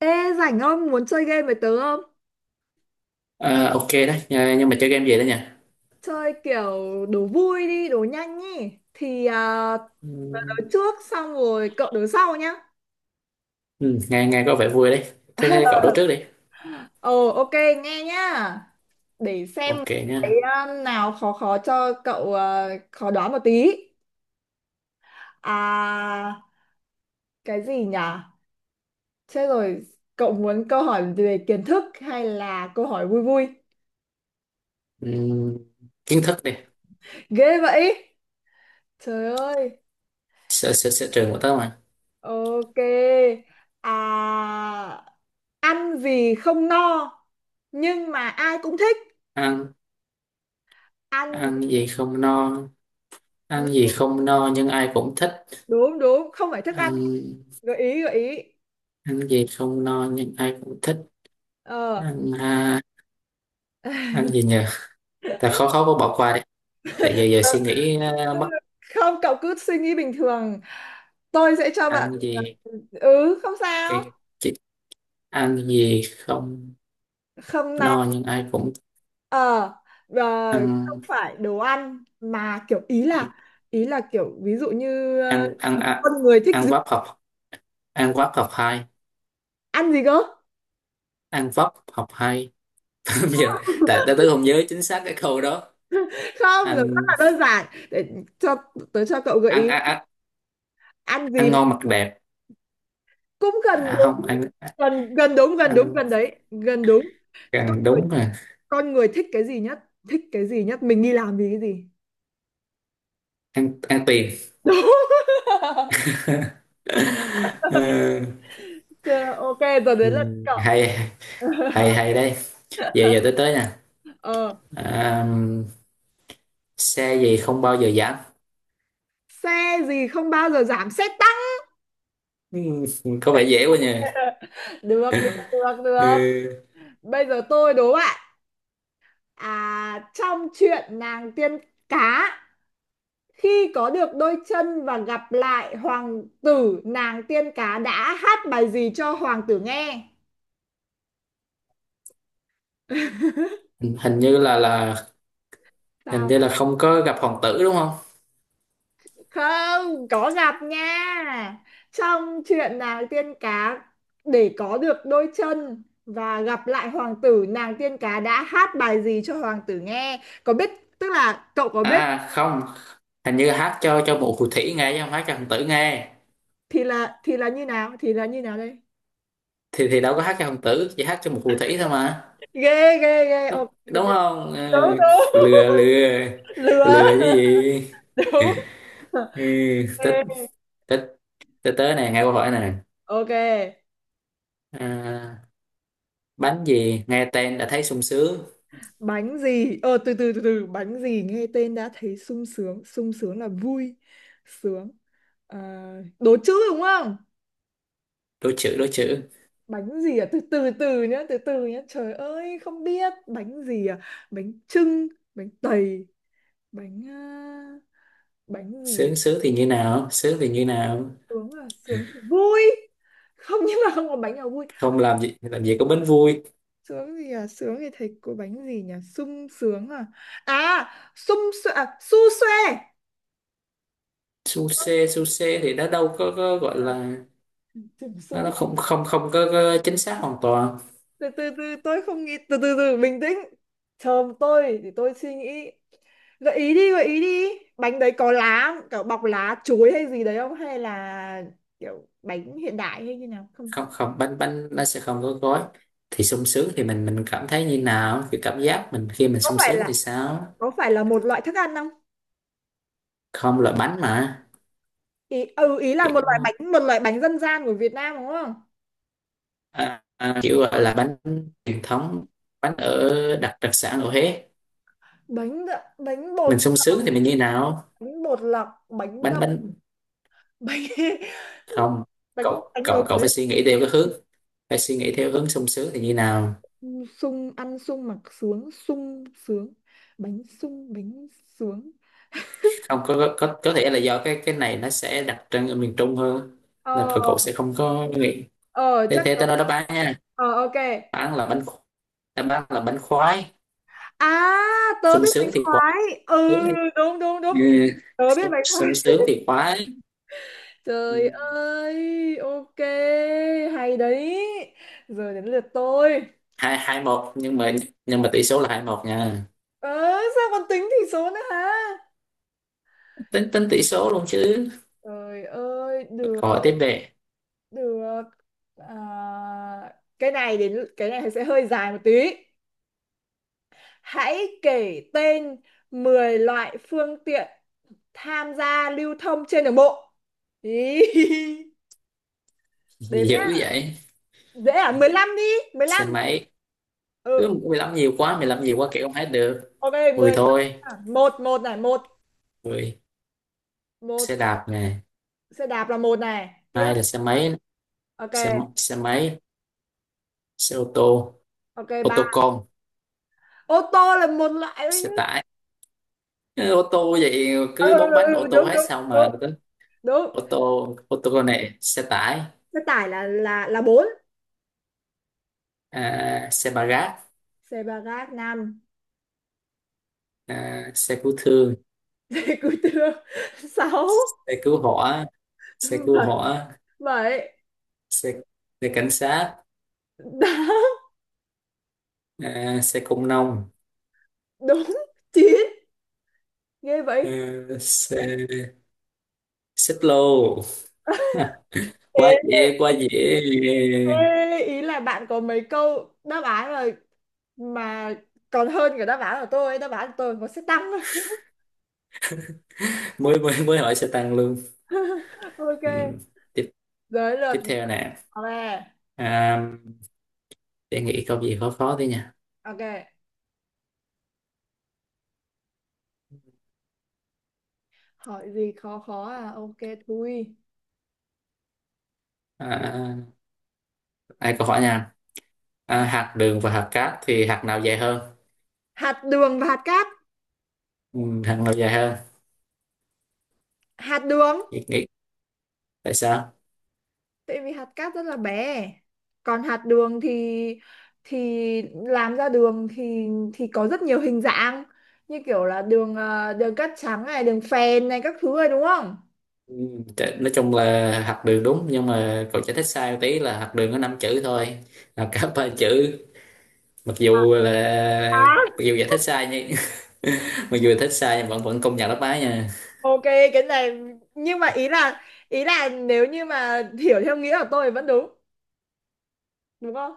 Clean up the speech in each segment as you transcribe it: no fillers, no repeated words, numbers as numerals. Ê, rảnh không? Muốn chơi game với tớ không? Ờ, ok đấy. Nhưng mà chơi game gì đấy nhỉ? Chơi kiểu đố vui đi, đố nhanh ý. Tớ trước xong rồi cậu đố sau nhá. Ừ, nghe nghe có vẻ vui đấy. Thế thế cậu đố trước đi. Ok, nghe nhá. Để xem Ok nhá. Nào khó khó cho cậu, à, khó đoán một tí. À, cái gì nhỉ? Chết rồi, cậu muốn câu hỏi về kiến thức hay là câu hỏi vui vui? Ừ, kiến thức đi. Ghê vậy! Trời ơi! Sở trường của tớ mà. Ok. À... Ăn vì không no nhưng mà ai cũng thích. Ăn? Ăn Ăn gì không no? Ăn gì không no nhưng ai cũng thích? đúng, không phải thức ăn. Ăn. Gợi ý, gợi ý. Ăn gì không no nhưng ai cũng thích? ờ Ăn à, ăn gì nhỉ? Ta khó khó, bỏ qua đi. Tại giờ giờ suy nghĩ. Ờ, mất. Không, cậu cứ suy nghĩ bình thường, tôi sẽ cho bạn. Ăn gì? Ừ, không sao. Cái chị- ăn gì không Không no. no nhưng ai cũng. ờ Không ăn phải đồ ăn mà kiểu, ý là kiểu ví dụ như, ăn ăn ăn con người thích ăn gì? vấp học. Ăn vấp học hai. Ăn gì cơ? Ăn vấp học hai. Bây giờ tại tao tớ không nhớ chính xác cái câu đó. Không, nó rất ăn là đơn giản. Để cho cho cậu gợi ăn ý. ăn ăn Ăn gì? ăn ngon mặc đẹp. Cũng gần À, không đúng. ăn. Gần gần đúng, gần đúng, Ăn gần đấy, gần đúng. Con gần người, đúng rồi. con người thích cái gì nhất? Thích cái gì nhất, mình đi làm vì cái gì? Ăn, ăn tiền. Đúng. Ờ, Ờ, ok, giờ đến ừ, lượt cậu. hay. Hay đây. Giờ giờ tới tới nè. ờ, À, xe gì không bao giờ giảm? Xe gì không bao giờ giảm? Xe tăng. Ừ, có vẻ dễ quá nhỉ. Được Ừ, được. Bây giờ tôi đố bạn. Trong chuyện nàng tiên cá, khi có được đôi chân và gặp lại hoàng tử, nàng tiên cá đã hát bài gì cho hoàng tử nghe? hình hình như là hình Tao như là không có gặp hoàng tử, đúng không? không có giặt nha. Trong chuyện nàng tiên cá, để có được đôi chân và gặp lại hoàng tử, nàng tiên cá đã hát bài gì cho hoàng tử nghe? Có biết, tức là cậu có biết. À không, hình như hát cho một phù thủy nghe chứ không hát cho hoàng tử nghe. Thì là Như nào? Thì là như nào đây? Thì đâu có hát cho hoàng tử, chỉ hát cho một phù thủy thôi mà. Ghê ghê Ghê. Đúng, Ok, ok. đúng không? Ừ, Đúng đúng. lừa. Lừa, Lừa. lừa chứ gì. Đúng. Ừ, tích. Ok. Tích. Tới tới này, nghe câu hỏi này. Ok. À, bánh gì nghe tên đã thấy sung sướng? Bánh gì? ờ, từ từ từ từ, bánh gì nghe tên đã thấy sung sướng? Sung sướng là vui, sướng. à, Đố chữ đúng không? Đố chữ, đố chữ. Bánh gì? À từ từ từ nhá, từ từ nhá, trời ơi không biết bánh gì. Bánh chưng, bánh tày, bánh à, bánh gì? Sướng, sướng thì như nào? Sướng thì như nào? Sướng là sướng thì vui. Không, nhưng mà không có bánh nào vui. Không làm gì, làm gì có bánh vui. Sướng gì, à sướng thì thấy có bánh gì nhỉ? Sung sướng. À Sung xoe, su xoe. Su xê, su xê thì nó đâu có gọi là. Tưởng nó sung. nó không không không có, có chính xác hoàn toàn. Từ từ từ Tôi không nghĩ, từ từ từ bình tĩnh, chờ tôi thì tôi suy nghĩ. Gợi ý đi, gợi ý đi. Bánh đấy có lá không? Kiểu bọc lá chuối hay gì đấy, không hay là kiểu bánh hiện đại hay như nào không? Không không, bánh, bánh nó sẽ không có gói. Thì sung sướng thì mình cảm thấy như nào? Cái cảm giác mình khi mình Có sung phải sướng thì là, sao? có phải là một loại thức ăn không? Không, là bánh mà. Ý, ừ, ý là một loại Kiểu bánh, một loại bánh dân gian của Việt Nam đúng không? à, à, kiểu gọi là bánh truyền thống, bánh ở, đặc đặc sản ở Huế. Bánh bột, Mình sung sướng thì mình như nào? bánh bột lọc, bánh bánh nậm, bánh bánh Không, bánh, cậu bánh ở cậu cậu Huế. phải suy nghĩ theo cái hướng, phải suy nghĩ theo hướng sung sướng thì như nào. Sung, ăn sung mặc sướng, sung sướng. Bánh sung, bánh sướng. Không có, có, có thể là do cái này nó sẽ đặc trưng ở miền Trung hơn ờ nên cậu cậu sẽ không có nghĩ. ờ thế chắc thế tớ- tao nói đáp án nha. ờ ok. Đáp án là bánh. Đáp án là bánh khoái. À, tớ Sung biết sướng bánh thì khoái. khoái. Ừ, Sướng thì, đúng đúng đúng, ừ, tớ biết sung, bánh khoái. sung sướng thì khoái. Ừ, Trời ơi, ok, hay đấy. Giờ đến lượt tôi. hai hai một, nhưng mà, nhưng mà tỷ số là hai một nha. ờ, sao còn tính tỷ số nữa hả? Tính tính tỷ số luôn chứ. Trời ơi, được, Câu hỏi tiếp về. được. à, cái này, đến cái này sẽ hơi dài một tí. Hãy kể tên 10 loại phương tiện tham gia lưu thông trên đường bộ. Ý, đếm nhé. Dữ vậy. Dễ à? 15 đi, Mười Xin lăm. máy. Cứ Ừ. 15 nhiều quá, 15 nhiều quá, kiểu không hết được. Ok, 10 15. thôi. Một, một này, một, Mười, xe một đạp nè. xe đạp là một này. Hai Tiếp. là xe máy. Ok, Xe máy, xe ô tô, ok, ô ba. tô con, Ô tô là một loại thôi nhé. xe tải. Ừ, ô tô vậy. Ừ, Cứ ừ, bốn ừ, bánh ừ, ô tô đúng hết đúng sao đúng mà. đúng. Ô tô, ô tô công nghệ, xe tải. Xe tải là bốn. À, xe ba gác. Xe ba gác năm. À, xe cứu thương. Xe cứu thương sáu, Xe cứu hỏa, xe cứu hỏa. bảy, bảy Xe Xe cảnh sát. tám, À, xe công nông. đúng, chín, ghê vậy. À, xe xích lô. Ha, quá ê, dễ, quá dễ. ê, ý là bạn có mấy câu đáp án mà còn hơn cả đáp án của tôi. Đáp án của tôi có sẽ tăng. Mới mới mới hỏi xe tăng luôn. Ok. Ừ. Tiếp, Giới luật. tiếp theo nè. Ok, À, để nghĩ câu gì khó khó tí nha. ok, hỏi gì khó khó à, ok thui. À, ai câu hỏi nha. À, Ờ, hạt đường và hạt cát thì hạt nào dài hơn? hạt đường và hạt cát. Ừ, hạt nào dài hơn? Hạt đường. Nghĩ, nghĩ. Tại sao? Tại vì hạt cát rất là bé, còn hạt đường thì làm ra đường thì có rất nhiều hình dạng, như kiểu là đường, đường cát trắng này, đường phèn này, các thứ này, đúng không? Ừ, nói chung là hạt đường đúng, nhưng mà cậu giải thích sai tí, là hạt đường có 5 chữ thôi, là cả ba chữ. À, Mặc dù giải thích sai nhưng, mặc dù giải thích sai nhưng vẫn vẫn công nhận đáp án nha. ok, cái này nhưng mà ý là, ý là nếu như mà hiểu theo nghĩa của tôi thì vẫn đúng, đúng không?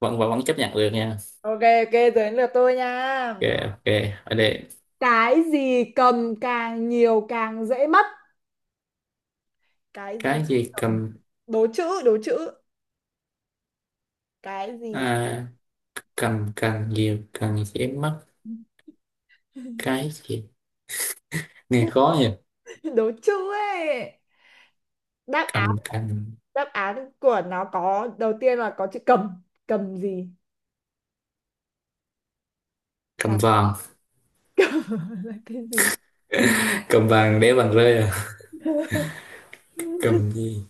Vẫn vẫn vẫn chấp nhận được nha. Ok, ok, đến lượt tôi nha. Ok, ok. Ở đây. Cái gì cầm càng nhiều càng dễ mất? Cái gì Cái gì cầm? cầm. Đố chữ, đố chữ. Cái gì? À, cầm càng nhiều càng dễ mất. Cái gì? Nghe khó nhỉ. Đố chữ ấy. Đáp án, Cầm càng. đáp án của nó có đầu tiên là có chữ cầm. Cầm gì? Cầm Cầm? vàng. Là cái gì? Cầm vàng để vàng rơi à. Cầm gì?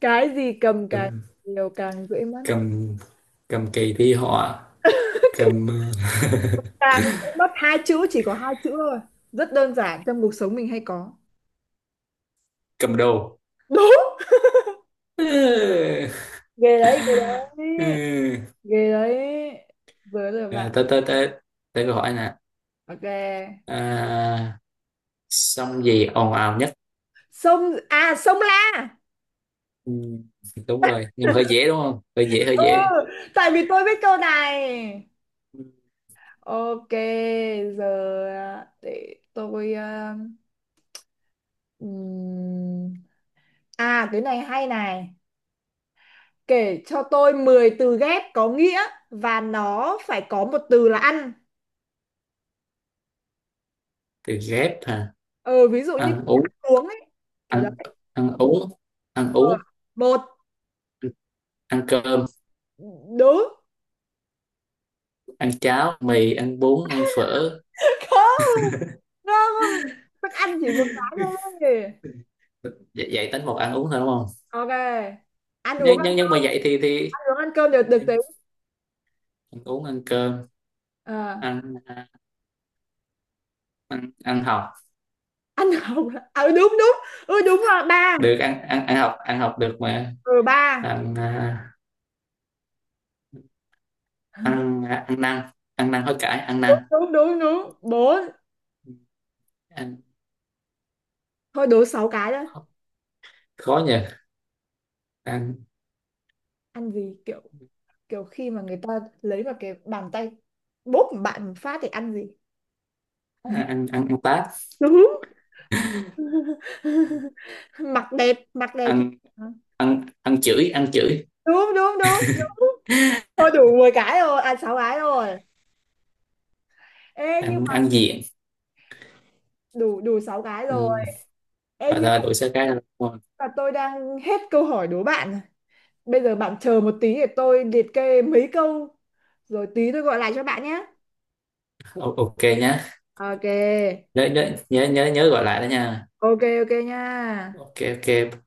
Cái gì cầm càng Cầm, nhiều càng dễ mất? cầm. Cầm kỳ thi họa. Cầm ờ, Càng, cũng mất hai chữ, chỉ có hai chữ thôi, rất đơn giản trong cuộc sống mình hay có. cầm đầu. Đúng. Ừ. Ghê đấy, ghê Ừ. đấy, ghê đấy. Với rồi À, bạn. tới, tới, tới, tới câu hỏi nè. Ok. À, sông gì ồn ào nhất? Sông à, sông La. Ừ. Đúng rồi, nhưng mà hơi dễ đúng không, hơi dễ, hơi Ừ, dễ. tại vì tôi biết câu này. Ok, giờ, để tôi, ừm, à cái này hay này. Kể cho tôi 10 từ ghép có nghĩa và nó phải có một từ là ăn. Từ ghép hả? ờ, ví dụ như Ăn ăn uống. uống ấy, kiểu đấy. Ăn, ăn uống. Ăn Ờ, uống, một. ăn cơm. Đúng. Ăn cháo, mì, ăn bún, ăn phở. Không, không, thức ăn chỉ một cái thôi. Dạy, dạy tính một ăn uống thôi đúng không? Ok, ăn uống, Nhưng, ăn, nhưng mà vậy thì ăn uống, ăn cơm đều được tính. ăn uống, ăn cơm. Ờ, Ăn à, ăn ăn học ăn học, à, đúng đúng. Ừ, đúng rồi, ba. được. Ăn ăn ăn học, ăn học được mà. Ừ ba. Ăn à, ăn à, ăn năn. Ăn năn hối cải, ăn năn. Đúng đúng đúng đúng, bốn. Ăn, Thôi đố sáu cái đó. khó nhỉ. Ăn Ăn gì kiểu, kiểu khi mà người ta lấy vào cái bàn tay bóp một bạn một phát thì ăn gì? à, ăn ăn ăn tát. Đúng. Mặc đẹp, ăn ăn ăn chửi, ăn chửi. đúng đúng đúng đúng. Thôi đủ 10 cái rồi, à sáu cái rồi. Ê nhưng Ăn, mà, ăn diện. đủ, đủ 6 cái Ừ. rồi. Ê, Rồi nhưng thôi đổi số cái. mà tôi đang hết câu hỏi đố bạn rồi. Bây giờ bạn chờ một tí để tôi liệt kê mấy câu rồi tí tôi gọi lại cho bạn nhé. Ok nhá. Ok. Nhớ nhớ nhớ nhớ nhớ gọi lại đó nha. Ok, ok nha. Ok, ok.